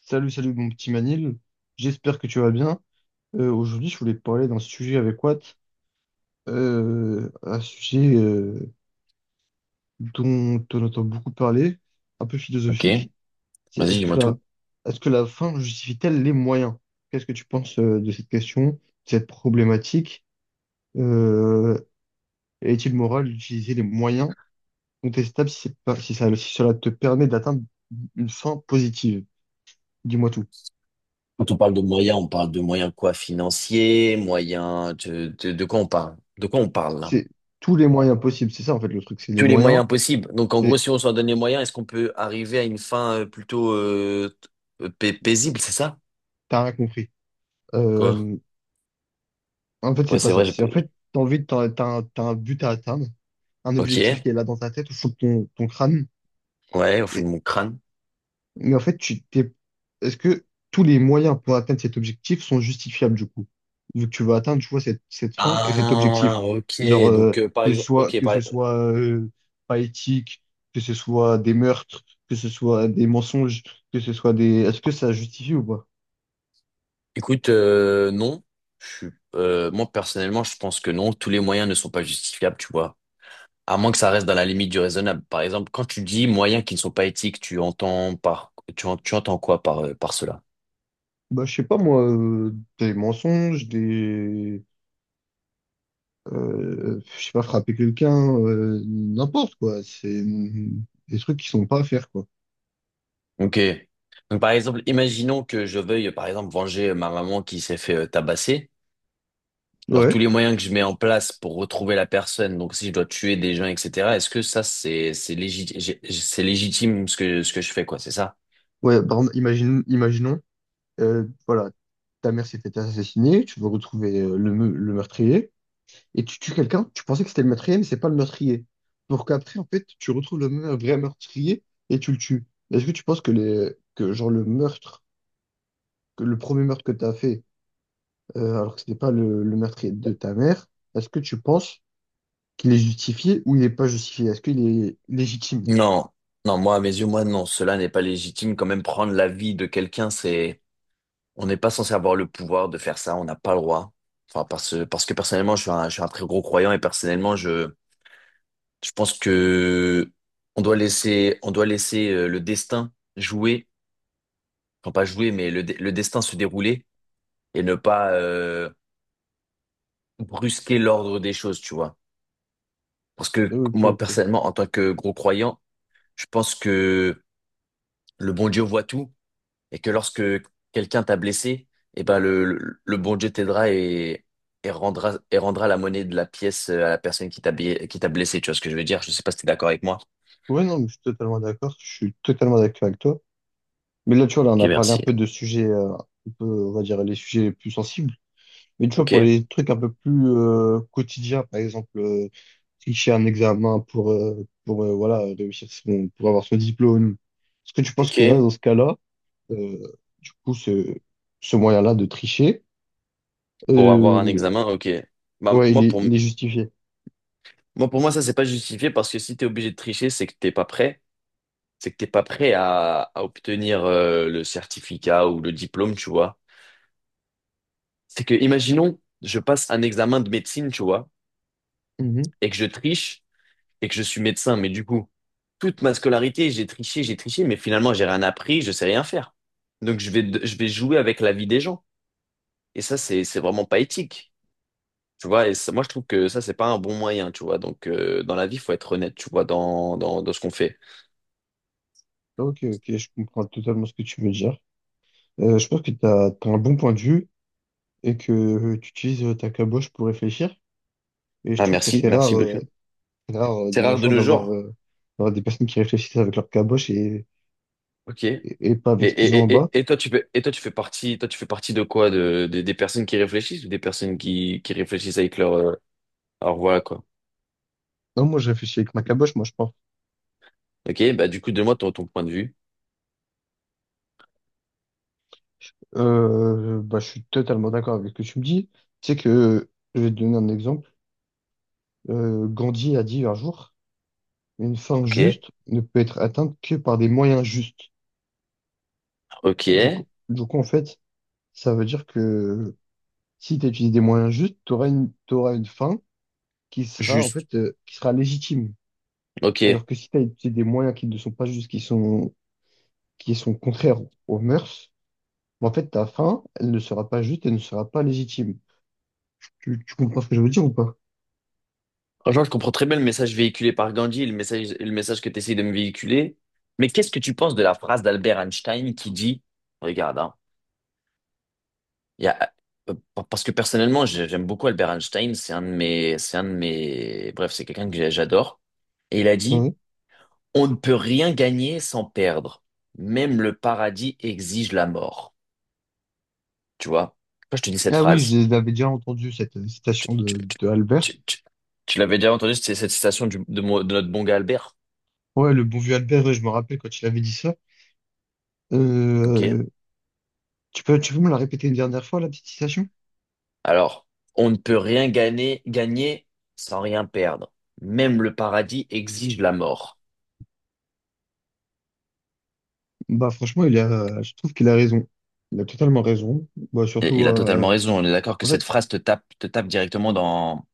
Salut, salut mon petit Manil, j'espère que tu vas bien. Aujourd'hui, je voulais te parler d'un sujet avec Watt, un sujet dont on entend beaucoup parler, un peu Ok, philosophique. C'est vas-y, est-ce que dis-moi la, tout. Est-ce que la fin justifie-t-elle les moyens? Qu'est-ce que tu penses de cette question, de cette problématique? Euh, Est-il moral d'utiliser les moyens contestables si, c'est pas- si ça, si cela te permet d'atteindre une fin positive? Dis-moi tout. Quand on parle de moyens, on parle de moyens quoi? Financiers, moyens de quoi on parle? De quoi on parle là? C'est tous les moyens possibles, c'est ça en fait le truc, c'est les Tous les moyens. moyens possibles. Donc en gros, si on s'en donne les moyens, est-ce qu'on peut arriver à une fin plutôt paisible, c'est ça? T'as rien compris. Quoi? Euh, En fait, c'est Ouais, pas c'est vrai. ça. J'ai C'est pas- en j'ai- fait, t'as envie de, t'as, t'as un but à atteindre, un Ok. objectif qui est là dans ta tête, au fond de ton crâne. Ouais, au fond de Et- mon crâne. mais en fait, est-ce que tous les moyens pour atteindre cet objectif sont justifiables du coup? Vu que tu veux atteindre, tu vois, cette fin et cet objectif. Ah, ok. Genre, Donc par exemple, ok. que ce soit pas éthique, que ce soit des meurtres, que ce soit des mensonges, que ce soit des... Est-ce que ça justifie ou pas? Écoute, non. Je suis, Moi personnellement, je pense que non. Tous les moyens ne sont pas justifiables, tu vois. À moins que ça reste dans la limite du raisonnable. Par exemple, quand tu dis moyens qui ne sont pas éthiques, tu entends tu entends quoi par, par cela? Bah, je sais pas, moi, des mensonges, des... je sais pas, frapper quelqu'un, n'importe quoi. Des trucs qui sont pas à faire, quoi. Ok. Donc, par exemple, imaginons que je veuille, par exemple, venger ma maman qui s'est fait tabasser. Genre tous Ouais, les moyens que je mets en place pour retrouver la personne, donc si je dois tuer des gens, etc., est-ce que ça, c'est légitime ce que je fais, quoi, c'est ça? ouais, par exemple, imaginons, voilà, ta mère s'est fait assassiner, tu veux retrouver le meurtrier, et tu tues quelqu'un, tu pensais que c'était le meurtrier, mais c'est pas le meurtrier. Pour qu'après, en fait, tu retrouves le vrai meurtrier et tu le tues. Est-ce que tu penses que, que genre, que le premier meurtre que tu as fait, alors que c'était pas le meurtrier de ta mère, est-ce que tu penses qu'il est justifié ou il n'est pas justifié? Est-ce qu'il est légitime? Non, non, moi, à mes yeux, moi, non, cela n'est pas légitime. Quand même, prendre la vie de quelqu'un, c'est, on n'est pas censé avoir le pouvoir de faire ça, on n'a pas le droit. Enfin, parce, parce que personnellement, je suis un très gros croyant et personnellement, je pense que on doit laisser le destin jouer, enfin pas jouer, mais le destin se dérouler et ne pas brusquer l'ordre des choses, tu vois. Parce que Ok, moi, ok. personnellement, en tant que gros croyant, je pense que le bon Dieu voit tout et que lorsque quelqu'un t'a blessé, eh ben le bon Dieu t'aidera et, et rendra la monnaie de la pièce à la personne qui qui t'a blessé. Tu vois ce que je veux dire? Je sais pas si t'es d'accord avec moi. Ouais, non, mais je suis totalement d'accord. Je suis totalement d'accord avec toi. Mais là, tu vois, là, on Ok, a parlé un merci. peu de sujets, un peu, on va dire, les sujets les plus sensibles. Mais tu vois, Ok, pour les trucs un peu plus quotidiens, par exemple, tricher un examen pour voilà, pour avoir son diplôme. Est-ce que tu penses que là, ok. dans ce cas-là, euh, du coup, ce moyen-là de tricher, Pour avoir un euh, examen, ok. Bah, ouais, moi, pour, il est justifié? moi, pour moi, ça, c'est pas justifié parce que si t'es obligé de tricher, c'est que t'es pas prêt. C'est que t'es pas prêt à obtenir le certificat ou le diplôme, tu vois. C'est que, imaginons, je passe un examen de médecine, tu vois, et que je triche. Et que je suis médecin, mais du coup, toute ma scolarité, j'ai triché, mais finalement, j'ai rien appris, je sais rien faire. Donc, je vais jouer avec la vie des gens. Et ça, c'est vraiment pas éthique. Tu vois, moi, je trouve que ça, c'est pas un bon moyen, tu vois. Donc, dans la vie, faut être honnête, tu vois, dans ce qu'on fait. Ok, ok, je comprends totalement ce que tu veux dire. Je pense que tu as un bon point de vue et que tu utilises ta caboche pour réfléchir. Et je Ah, trouve que merci, merci beaucoup. C'est rare C'est de nos rare de jours nos d'avoir jours. D'avoir des personnes qui réfléchissent avec leur caboche Ok. Et, et pas avec ce qu'ils ont en bas. Et toi, tu fais, et toi, tu fais partie, toi, tu fais partie de quoi? De, des personnes qui réfléchissent ou des personnes qui réfléchissent avec leur, leur voilà, quoi. Non, moi, je réfléchis avec ma caboche, moi, je pense. Ok, bah du coup, donne-moi ton, ton point de vue. Bah, je suis totalement d'accord avec ce que tu me dis. Tu sais que je vais te donner un exemple. Gandhi a dit un jour, une fin Ok. juste ne peut être atteinte que par des moyens justes. Ok. Du coup, en fait, ça veut dire que si tu utilises des moyens justes, t'auras une fin qui sera en Juste. fait qui sera légitime. Ok. Alors que si tu as utilisé des moyens qui ne sont pas justes, qui sont contraires aux mœurs, bah, en fait ta fin, elle ne sera pas juste, elle ne sera pas légitime. Tu comprends ce que je veux dire ou pas? Franchement, je comprends très bien le message véhiculé par Gandhi, le message que tu essayes de me véhiculer. Mais qu'est-ce que tu penses de la phrase d'Albert Einstein qui dit, regarde, hein, Il y a- euh, parce que personnellement, j'aime beaucoup Albert Einstein. C'est un de mes, bref, c'est quelqu'un que j'adore. Et il a dit, Ouais. on ne peut rien gagner sans perdre. Même le paradis exige la mort. Tu vois? Quand je te dis cette Ah oui, phrase, je l'avais déjà entendu cette tu, citation tu- tu- de Albert. tu- tu- tu l'avais déjà entendu, c'est cette citation de notre bon gars Albert. Ouais, le bon vieux Albert, ouais, je me rappelle quand il avait dit ça. Ok? Euh, tu peux me la répéter une dernière fois, la petite citation? Alors, on ne peut rien gagner sans rien perdre. Même le paradis exige la mort. Bah franchement, je trouve qu'il a raison. Il a totalement raison. Bah Et surtout, il a totalement raison. On est d'accord que en cette fait, phrase te tape directement dans,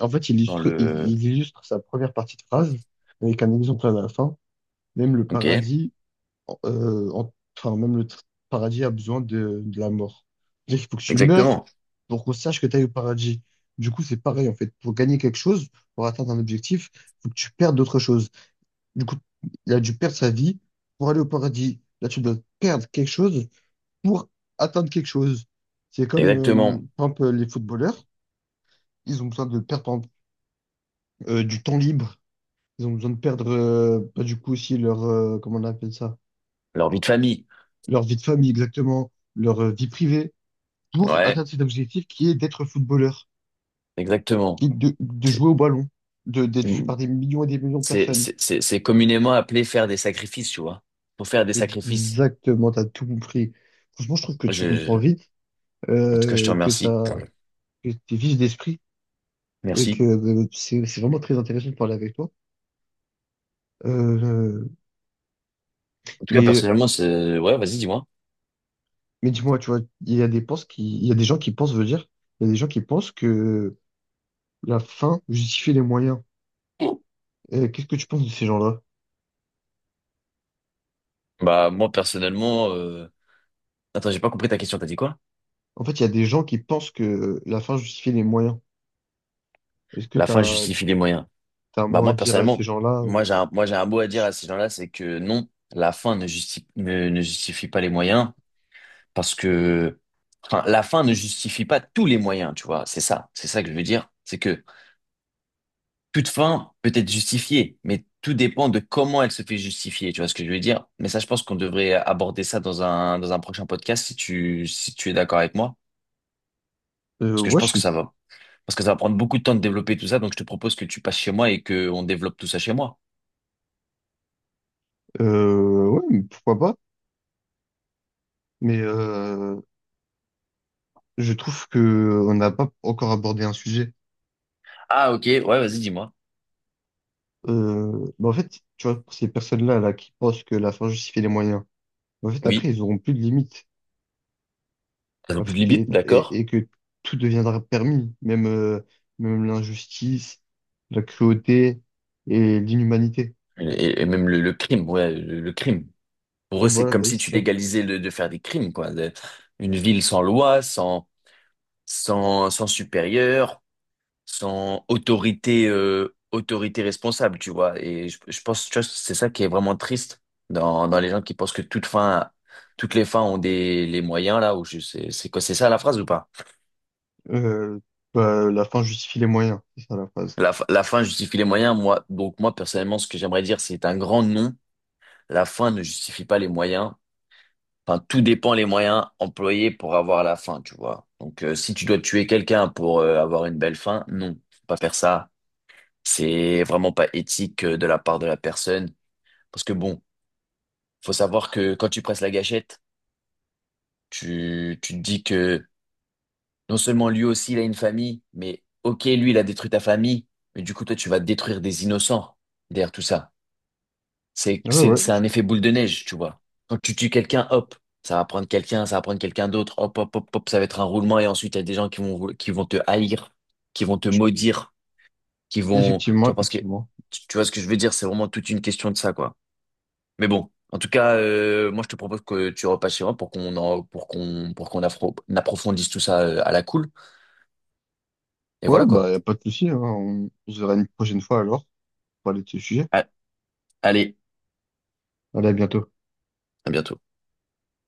en fait, dans le. il illustre sa première partie de phrase avec un exemple à la fin. Même le Ok. paradis euh, en- enfin, même le paradis a besoin de la mort. C'est-à-dire qu'il faut que tu meurs Exactement. pour qu'on sache que tu es au paradis. Du coup, c'est pareil, en fait. Pour gagner quelque chose, pour atteindre un objectif, il faut que tu perdes d'autres choses. Du coup, il a dû perdre sa vie pour aller au paradis. Là, tu dois perdre quelque chose pour atteindre quelque chose. C'est comme, Exactement. par exemple, les footballeurs, ils ont besoin de perdre, par exemple, du temps libre. Ils ont besoin de perdre, bah, du coup, aussi leur, comment on appelle ça, Leur vie de famille. leur vie de famille, exactement, leur vie privée, pour Ouais. atteindre cet objectif qui est d'être footballeur, Exactement. qui est de C'est, jouer au ballon, de, d'être vu par des millions et des millions de personnes. C'est communément appelé faire des sacrifices, tu vois. Faut faire des sacrifices. Exactement, t'as tout compris. Franchement, je trouve que Je, tu comprends je- vite, En tout cas, je te euh, que remercie. t'as, que t'es vif d'esprit et que Merci. C'est vraiment très intéressant de parler avec toi. Euh, En tout cas, mais, personnellement, c'est, ouais, vas-y, dis-moi. mais dis-moi, tu vois, il y a des gens qui pensent, veut dire, il y a des gens qui pensent que la fin justifie les moyens. Qu'est-ce que tu penses de ces gens-là? Bah, moi, personnellement, attends, j'ai pas compris ta question. T'as dit quoi? En fait, il y a des gens qui pensent que la fin justifie les moyens. Est-ce que La fin t'as justifie les moyens. t'as Bah moins à moi dire à ces personnellement, gens-là. Moi j'ai un mot à dire à ces gens-là, c'est que non, la fin ne justifie, ne, ne justifie pas les moyens, parce que enfin, la fin ne justifie pas tous les moyens, tu vois. C'est ça que je veux dire. C'est que toute fin peut être justifiée, mais tout dépend de comment elle se fait justifier, tu vois ce que je veux dire. Mais ça, je pense qu'on devrait aborder ça dans un prochain podcast si tu, si tu es d'accord avec moi, Euh, parce que je ouais, je pense que suis, ça va, parce que ça va prendre beaucoup de temps de développer tout ça, donc je te propose que tu passes chez moi et que on développe tout ça chez moi. Ouais, mais pourquoi pas. Mais je trouve que on n'a pas encore abordé un sujet. Ah ok, ouais, vas-y, dis-moi. Bah en fait, tu vois, pour ces personnes-là là qui pensent que la fin justifie les moyens, bah, en fait, après, Oui. ils auront plus de limites. Ça n'a En plus de fait, que- limite, d'accord? et que tout deviendra permis, même même l'injustice, la cruauté et l'inhumanité. Et même le crime, ouais, le crime. Pour Ouais, eux, c'est voilà, comme bah oui, si c'est tu ça. légalisais le, de faire des crimes, quoi. De une ville sans loi, sans supérieur, sans autorité, autorité responsable, tu vois. Et je pense, tu vois, c'est ça qui est vraiment triste dans, dans les gens qui pensent que toute fin, toutes les fins ont des, les moyens, là, ou je sais, c'est quoi, c'est ça la phrase ou pas? Euh, bah, la fin justifie les moyens, c'est ça la phrase. La fin justifie les moyens, moi. Donc, moi, personnellement, ce que j'aimerais dire, c'est un grand non. La fin ne justifie pas les moyens. Enfin, tout dépend les moyens employés pour avoir la fin, tu vois. Donc, si tu dois tuer quelqu'un pour avoir une belle fin, non, faut pas faire ça. C'est vraiment pas éthique de la part de la personne. Parce que bon, faut savoir que quand tu presses la gâchette, tu te dis que non seulement lui aussi, il a une famille, mais ok, lui, il a détruit ta famille, mais du coup, toi, tu vas détruire des innocents derrière tout ça. Ouais, ouais, C'est un effet boule de neige, tu vois. Quand tu tues quelqu'un, hop, ça va prendre quelqu'un, ça va prendre quelqu'un d'autre, hop, hop, hop, hop, ça va être un roulement et ensuite il y a des gens qui vont te haïr, qui vont te maudire, qui vont, tu effectivement, vois, parce que, effectivement. Tu vois ce que je veux dire, c'est vraiment toute une question de ça, quoi. Mais bon, en tout cas, moi je te propose que tu repasses chez moi pour pour qu'on, pour approfondisse tout ça à la cool. Et Ouais, voilà, quoi. bah, y a pas de souci, hein. On se verra une prochaine fois alors pour parler de ce sujet. Ah, allez, Allez, à bientôt. à bientôt.